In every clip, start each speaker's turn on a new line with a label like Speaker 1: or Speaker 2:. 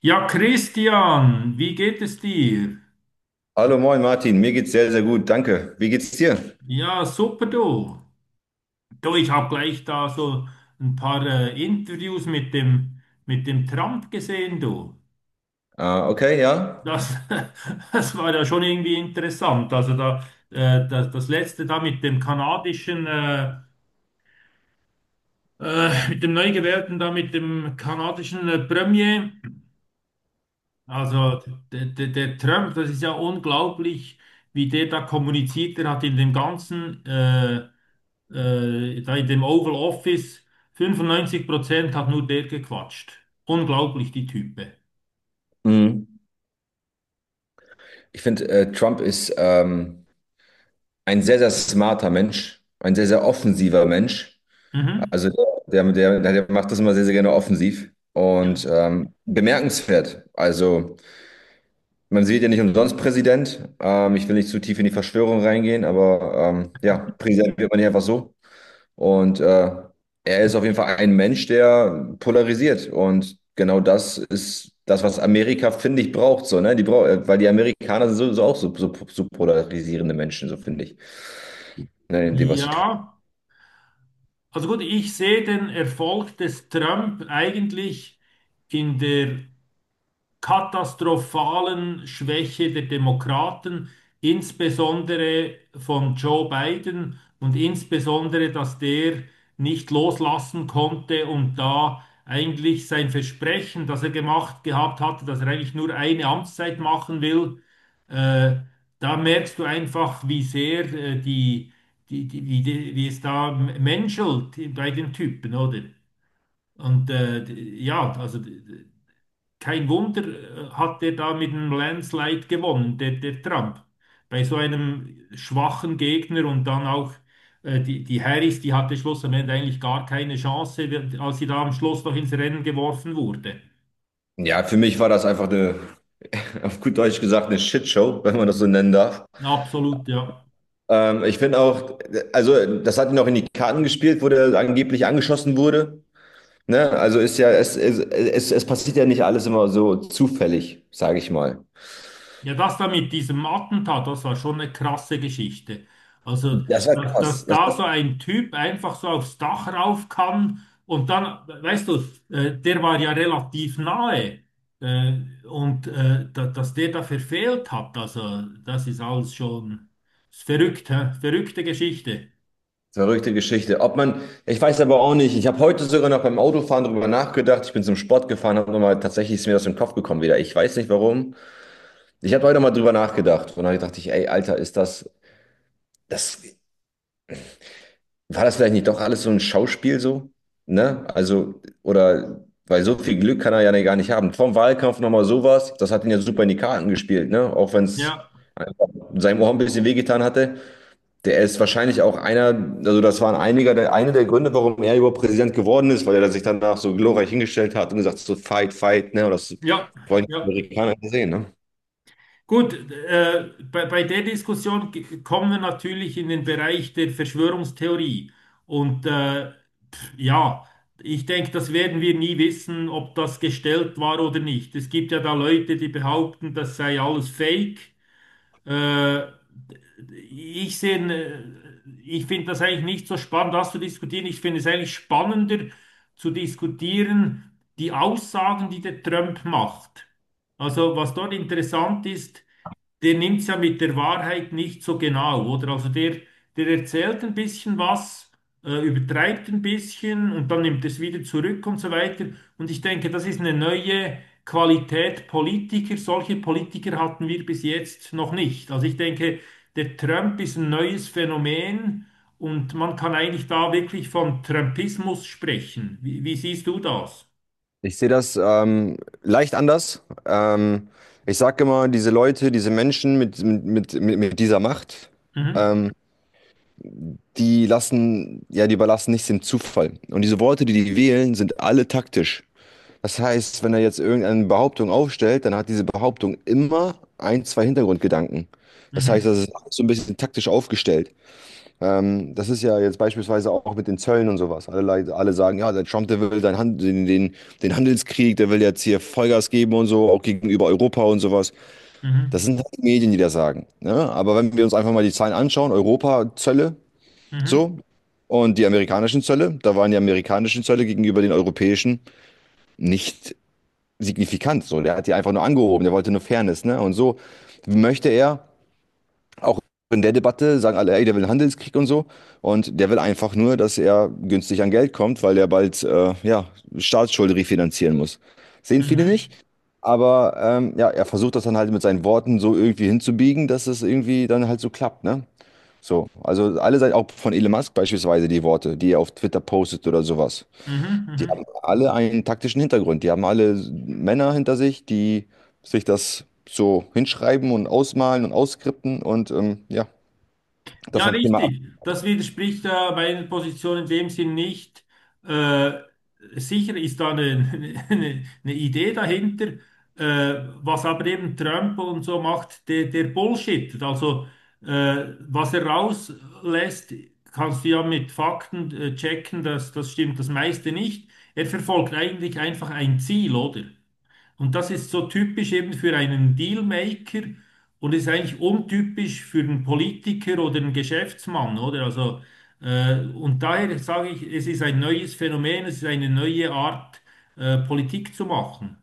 Speaker 1: Ja, Christian, wie geht es dir?
Speaker 2: Hallo, moin Martin, mir geht's sehr, sehr gut, danke. Wie geht's dir?
Speaker 1: Ja, super du. Du, ich habe gleich da so ein paar Interviews mit mit dem Trump gesehen, du.
Speaker 2: Ah, okay, ja.
Speaker 1: Das, das war ja schon irgendwie interessant. Also da, das letzte da mit dem mit dem neu gewählten da, mit dem kanadischen Premier. Also der Trump, das ist ja unglaublich, wie der da kommuniziert. Der hat in dem da in dem Oval Office, 95% hat nur der gequatscht. Unglaublich, die Type.
Speaker 2: Mhm. Ich finde, Trump ist ein sehr, sehr smarter Mensch, ein sehr, sehr offensiver Mensch.
Speaker 1: Mhm.
Speaker 2: Also der macht das immer sehr, sehr gerne offensiv und bemerkenswert. Also man sieht ja nicht umsonst Präsident. Ich will nicht zu tief in die Verschwörung reingehen, aber ja, Präsident wird man ja einfach so. Und er ist auf jeden Fall ein Mensch, der polarisiert. Und genau das ist das, was Amerika, finde ich, braucht. So, ne? Die brau weil die Amerikaner sind so, so auch so polarisierende Menschen, so finde ich, ne? In dem, was sie tun.
Speaker 1: Ja, also gut, ich sehe den Erfolg des Trump eigentlich in der katastrophalen Schwäche der Demokraten, insbesondere von Joe Biden und insbesondere, dass der nicht loslassen konnte und da eigentlich sein Versprechen, das er gemacht gehabt hatte, dass er eigentlich nur eine Amtszeit machen will, äh, da merkst du einfach, wie sehr wie es da menschelt bei den Typen, oder? Und ja, also kein Wunder hat der da mit einem Landslide gewonnen, der Trump. Bei so einem schwachen Gegner und dann auch die Harris, die hatte schlussendlich eigentlich gar keine Chance, als sie da am Schluss noch ins Rennen geworfen wurde.
Speaker 2: Ja, für mich war das einfach eine, auf gut Deutsch gesagt, eine Shitshow, wenn man das so nennen darf.
Speaker 1: Absolut, ja.
Speaker 2: Ich finde auch, also das hat ihn auch in die Karten gespielt, wo der angeblich angeschossen wurde. Ne? Also ist ja, es passiert ja nicht alles immer so zufällig, sage ich mal.
Speaker 1: Ja, das da mit diesem Attentat, das war schon eine krasse Geschichte. Also,
Speaker 2: Das war
Speaker 1: dass,
Speaker 2: krass.
Speaker 1: dass da so ein Typ einfach so aufs Dach rauf kann und dann, weißt du, der war ja relativ nahe äh, und dass der da verfehlt hat, also das ist alles schon ist verrückt, hä? Verrückte Geschichte.
Speaker 2: Verrückte Geschichte. Ob man, ich weiß aber auch nicht. Ich habe heute sogar noch beim Autofahren drüber nachgedacht. Ich bin zum Sport gefahren, habe nochmal, tatsächlich ist mir das im Kopf gekommen wieder. Ich weiß nicht warum. Ich habe heute mal drüber nachgedacht und dann dachte ich, ey, Alter, ist das, war das vielleicht nicht doch alles so ein Schauspiel so? Ne? Also, oder, weil so viel Glück kann er ja gar nicht haben. Vom Wahlkampf nochmal sowas, das hat ihn ja super in die Karten gespielt, ne? Auch wenn es
Speaker 1: Ja,
Speaker 2: einfach seinem Ohr ein bisschen wehgetan hatte. Der ist wahrscheinlich auch einer, also das waren einige der, eine der Gründe, warum er überhaupt Präsident geworden ist, weil er sich danach so glorreich hingestellt hat und gesagt hat, so fight, fight, ne? Und das
Speaker 1: ja,
Speaker 2: wollen die
Speaker 1: ja.
Speaker 2: Amerikaner nicht sehen, ne?
Speaker 1: Gut, bei der Diskussion kommen wir natürlich in den Bereich der Verschwörungstheorie. Und ja, ich denke, das werden wir nie wissen, ob das gestellt war oder nicht. Es gibt ja da Leute, die behaupten, das sei alles Fake. Äh, ich finde das eigentlich nicht so spannend, das zu diskutieren. Ich finde es eigentlich spannender zu diskutieren, die Aussagen, die der Trump macht. Also, was dort interessant ist, der nimmt es ja mit der Wahrheit nicht so genau, oder? Der erzählt ein bisschen was, übertreibt ein bisschen und dann nimmt es wieder zurück und so weiter. Und ich denke, das ist eine neue Qualität Politiker. Solche Politiker hatten wir bis jetzt noch nicht. Also ich denke, der Trump ist ein neues Phänomen und man kann eigentlich da wirklich von Trumpismus sprechen. Wie siehst du das?
Speaker 2: Ich sehe das leicht anders. Ich sage immer, diese Leute, diese Menschen mit dieser Macht,
Speaker 1: Mhm.
Speaker 2: ähm, die lassen, ja, die überlassen nichts dem Zufall. Und diese Worte, die die wählen, sind alle taktisch. Das heißt, wenn er jetzt irgendeine Behauptung aufstellt, dann hat diese Behauptung immer ein, zwei Hintergrundgedanken. Das heißt, das
Speaker 1: Mhm.
Speaker 2: ist so ein bisschen taktisch aufgestellt. Das ist ja jetzt beispielsweise auch mit den Zöllen und sowas. Alle sagen, ja, der Trump, der will den Handelskrieg, der will jetzt hier Vollgas geben und so, auch gegenüber Europa und sowas. Das
Speaker 1: Mhm.
Speaker 2: sind halt die Medien, die das sagen. Ne? Aber wenn wir uns einfach mal die Zahlen anschauen, Europa, Zölle,
Speaker 1: Mhm.
Speaker 2: so. Und die amerikanischen Zölle, da waren die amerikanischen Zölle gegenüber den europäischen nicht signifikant. So, der hat die einfach nur angehoben, der wollte nur Fairness, ne? Und so möchte er, auch in der Debatte sagen alle, ey, der will einen Handelskrieg und so. Und der will einfach nur, dass er günstig an Geld kommt, weil er bald, ja, Staatsschulden refinanzieren muss. Sehen viele nicht.
Speaker 1: Mhm.
Speaker 2: Aber ja, er versucht das dann halt mit seinen Worten so irgendwie hinzubiegen, dass es irgendwie dann halt so klappt, ne? So, also alle Seiten, auch von Elon Musk beispielsweise die Worte, die er auf Twitter postet oder sowas,
Speaker 1: Mhm.
Speaker 2: die
Speaker 1: Mhm.
Speaker 2: haben
Speaker 1: Mhm.
Speaker 2: alle einen taktischen Hintergrund. Die haben alle Männer hinter sich, die sich das so hinschreiben und ausmalen und ausskripten und ja, das
Speaker 1: Ja,
Speaker 2: dann immer ab.
Speaker 1: richtig. Das widerspricht meiner Position in dem Sinn nicht. Äh, sicher ist da eine Idee dahinter, äh, was aber eben Trump und so macht, der Bullshit. Also was er rauslässt, kannst du ja mit Fakten checken, dass das stimmt das meiste nicht. Er verfolgt eigentlich einfach ein Ziel, oder? Und das ist so typisch eben für einen Dealmaker und ist eigentlich untypisch für einen Politiker oder einen Geschäftsmann, oder? Also, und daher sage ich, es ist ein neues Phänomen, es ist eine neue Art, Politik zu machen.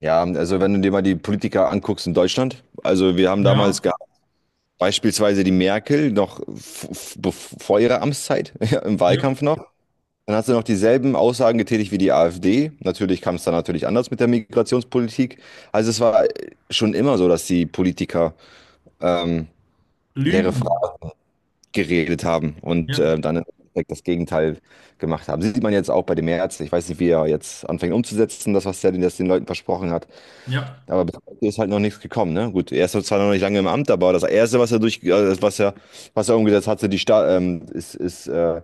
Speaker 2: Ja, also wenn du dir mal die Politiker anguckst in Deutschland, also wir haben damals
Speaker 1: Ja,
Speaker 2: gehabt, beispielsweise die Merkel noch vor ihrer Amtszeit, ja, im
Speaker 1: ja,
Speaker 2: Wahlkampf noch, dann hast du noch dieselben Aussagen getätigt wie die AfD. Natürlich kam es dann natürlich anders mit der Migrationspolitik. Also es war schon immer so, dass die Politiker ähm, leere
Speaker 1: Lügen.
Speaker 2: Fragen geredet haben und
Speaker 1: Ja,
Speaker 2: dann im Endeffekt das Gegenteil gemacht haben. Sieht man jetzt auch bei dem März. Ich weiß nicht, wie er jetzt anfängt umzusetzen, das, was er das den Leuten versprochen hat.
Speaker 1: ja.
Speaker 2: Aber bis heute ist halt noch nichts gekommen, ne? Gut, er ist zwar noch nicht lange im Amt, aber das Erste, was er was er umgesetzt hatte, die Sta ist, ist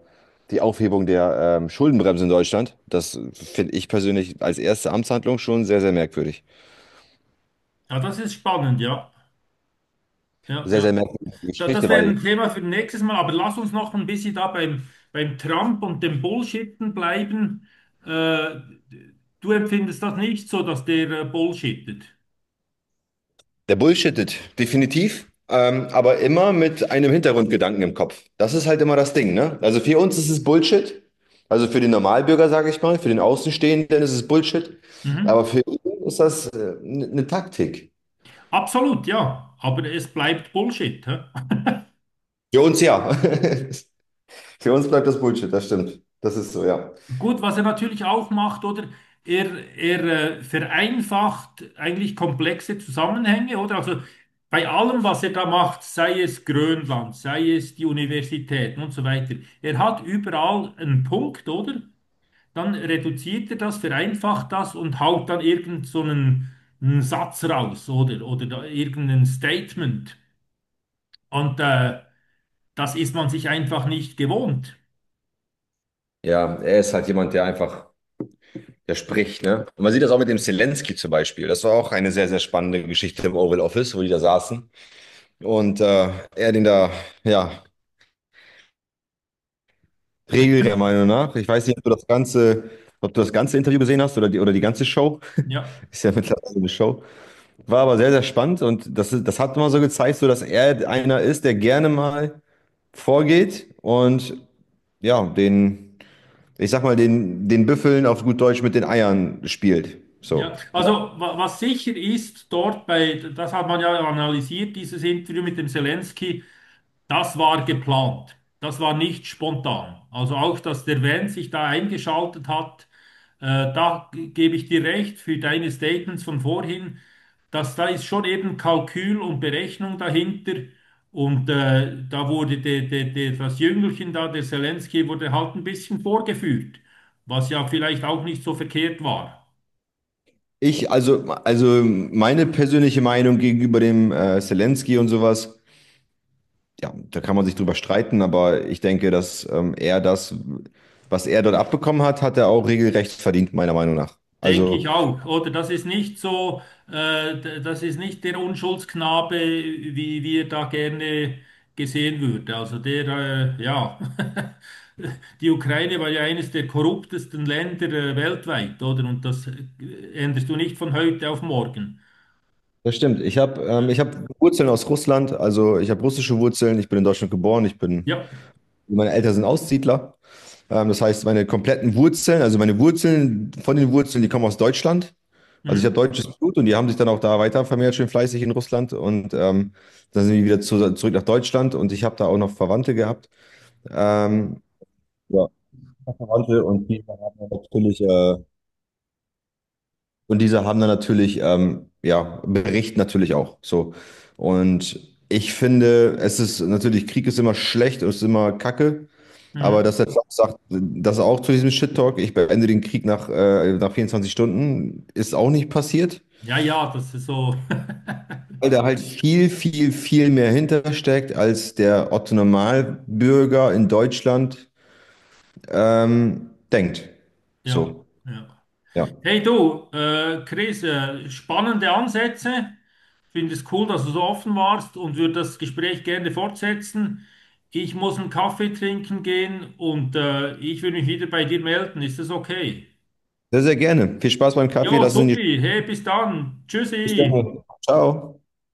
Speaker 2: die Aufhebung der Schuldenbremse in Deutschland. Das finde ich persönlich als erste Amtshandlung schon sehr, sehr merkwürdig.
Speaker 1: Ja, das ist spannend, ja. Ja,
Speaker 2: Sehr,
Speaker 1: ja.
Speaker 2: sehr merkwürdige
Speaker 1: Da,
Speaker 2: Geschichte,
Speaker 1: das wäre
Speaker 2: weil
Speaker 1: ein Thema für nächstes Mal, aber lass uns noch ein bisschen da beim Trump und dem Bullshitten bleiben. Äh, du empfindest das nicht so, dass der Bullshittet.
Speaker 2: der bullshittet, definitiv, aber immer mit einem Hintergrundgedanken im Kopf. Das ist halt immer das Ding, ne? Also für uns ist es Bullshit, also für den Normalbürger, sage ich mal, für den Außenstehenden ist es Bullshit,
Speaker 1: Mhm.
Speaker 2: aber für ihn ist das eine Taktik.
Speaker 1: Absolut, ja, aber es bleibt Bullshit. Hä?
Speaker 2: Für uns ja. Für uns bleibt das Bullshit, das stimmt. Das ist so, ja.
Speaker 1: Gut, was er natürlich auch macht, oder? Er vereinfacht eigentlich komplexe Zusammenhänge, oder? Also bei allem, was er da macht, sei es Grönland, sei es die Universitäten und so weiter, er hat überall einen Punkt, oder? Dann reduziert er das, vereinfacht das und haut dann irgend so einen, einen Satz raus oder da irgendein Statement. Und das ist man sich einfach nicht gewohnt.
Speaker 2: Ja, er ist halt jemand, der einfach, der spricht, ne? Und man sieht das auch mit dem Zelensky zum Beispiel. Das war auch eine sehr, sehr spannende Geschichte im Oval Office, wo die da saßen. Und er den da, ja,
Speaker 1: Ja,
Speaker 2: Regel der Meinung nach. Ich weiß nicht, ob du das ganze, ob du das ganze Interview gesehen hast oder die ganze Show.
Speaker 1: ja.
Speaker 2: Ist ja mittlerweile so eine Show. War aber sehr, sehr spannend und das, das hat immer so gezeigt, so dass er einer ist, der gerne mal vorgeht und ja, den, ich sag mal, den Büffeln auf gut Deutsch mit den Eiern spielt.
Speaker 1: Ja.
Speaker 2: So, ne?
Speaker 1: Also wa was sicher ist dort bei, das hat man ja analysiert, dieses Interview mit dem Zelensky, das war geplant. Das war nicht spontan. Also auch, dass der Van sich da eingeschaltet hat, äh, gebe ich dir recht für deine Statements von vorhin, dass da ist schon eben Kalkül und Berechnung dahinter. Und da wurde das Jüngelchen da, der Selenskyj, wurde halt ein bisschen vorgeführt, was ja vielleicht auch nicht so verkehrt war.
Speaker 2: Ich, also meine persönliche Meinung gegenüber dem Zelensky und sowas. Ja, da kann man sich drüber streiten, aber ich denke, dass er das, was er dort abbekommen hat, hat er auch regelrecht verdient, meiner Meinung nach.
Speaker 1: Denke
Speaker 2: Also,
Speaker 1: ich auch, oder? Das ist nicht der Unschuldsknabe, wie wir da gerne gesehen würde. Also, ja, die Ukraine war ja eines der korruptesten Länder, weltweit, oder? Und das änderst du nicht von heute auf morgen.
Speaker 2: das stimmt. Ich habe ich
Speaker 1: Ne?
Speaker 2: hab Wurzeln aus Russland, also ich habe russische Wurzeln, ich bin in Deutschland geboren, ich bin,
Speaker 1: Ja,
Speaker 2: meine Eltern sind Aussiedler. Das heißt, meine kompletten Wurzeln, also meine Wurzeln von den Wurzeln, die kommen aus Deutschland. Also ich habe
Speaker 1: mhm.
Speaker 2: deutsches Blut und die haben sich dann auch da weiter vermehrt, schön fleißig in Russland. Und dann sind wir wieder zurück nach Deutschland und ich habe da auch noch Verwandte gehabt. Ähm, ja, Verwandte und die haben dann natürlich, ja, Bericht natürlich auch. So. Und ich finde, es ist natürlich, Krieg ist immer schlecht und ist immer Kacke. Aber dass
Speaker 1: Mhm.
Speaker 2: er auch sagt, dass er auch zu diesem Shit-Talk, ich beende den Krieg nach, nach 24 Stunden, ist auch nicht passiert.
Speaker 1: Ja, ja, das ist so.
Speaker 2: Weil da halt viel, viel, viel mehr hintersteckt, als der Otto Normalbürger in Deutschland denkt.
Speaker 1: Ja,
Speaker 2: So,
Speaker 1: ja.
Speaker 2: ja.
Speaker 1: Hey du, Chris, spannende Ansätze. Finde es cool, dass du so offen warst und würde das Gespräch gerne fortsetzen. Ich muss einen Kaffee trinken gehen und ich will mich wieder bei dir melden. Ist das okay?
Speaker 2: Sehr, sehr gerne. Viel Spaß beim Kaffee.
Speaker 1: Ja,
Speaker 2: Lass es in die
Speaker 1: supi. Hey, bis dann.
Speaker 2: Bis
Speaker 1: Tschüssi.
Speaker 2: dann. Ciao.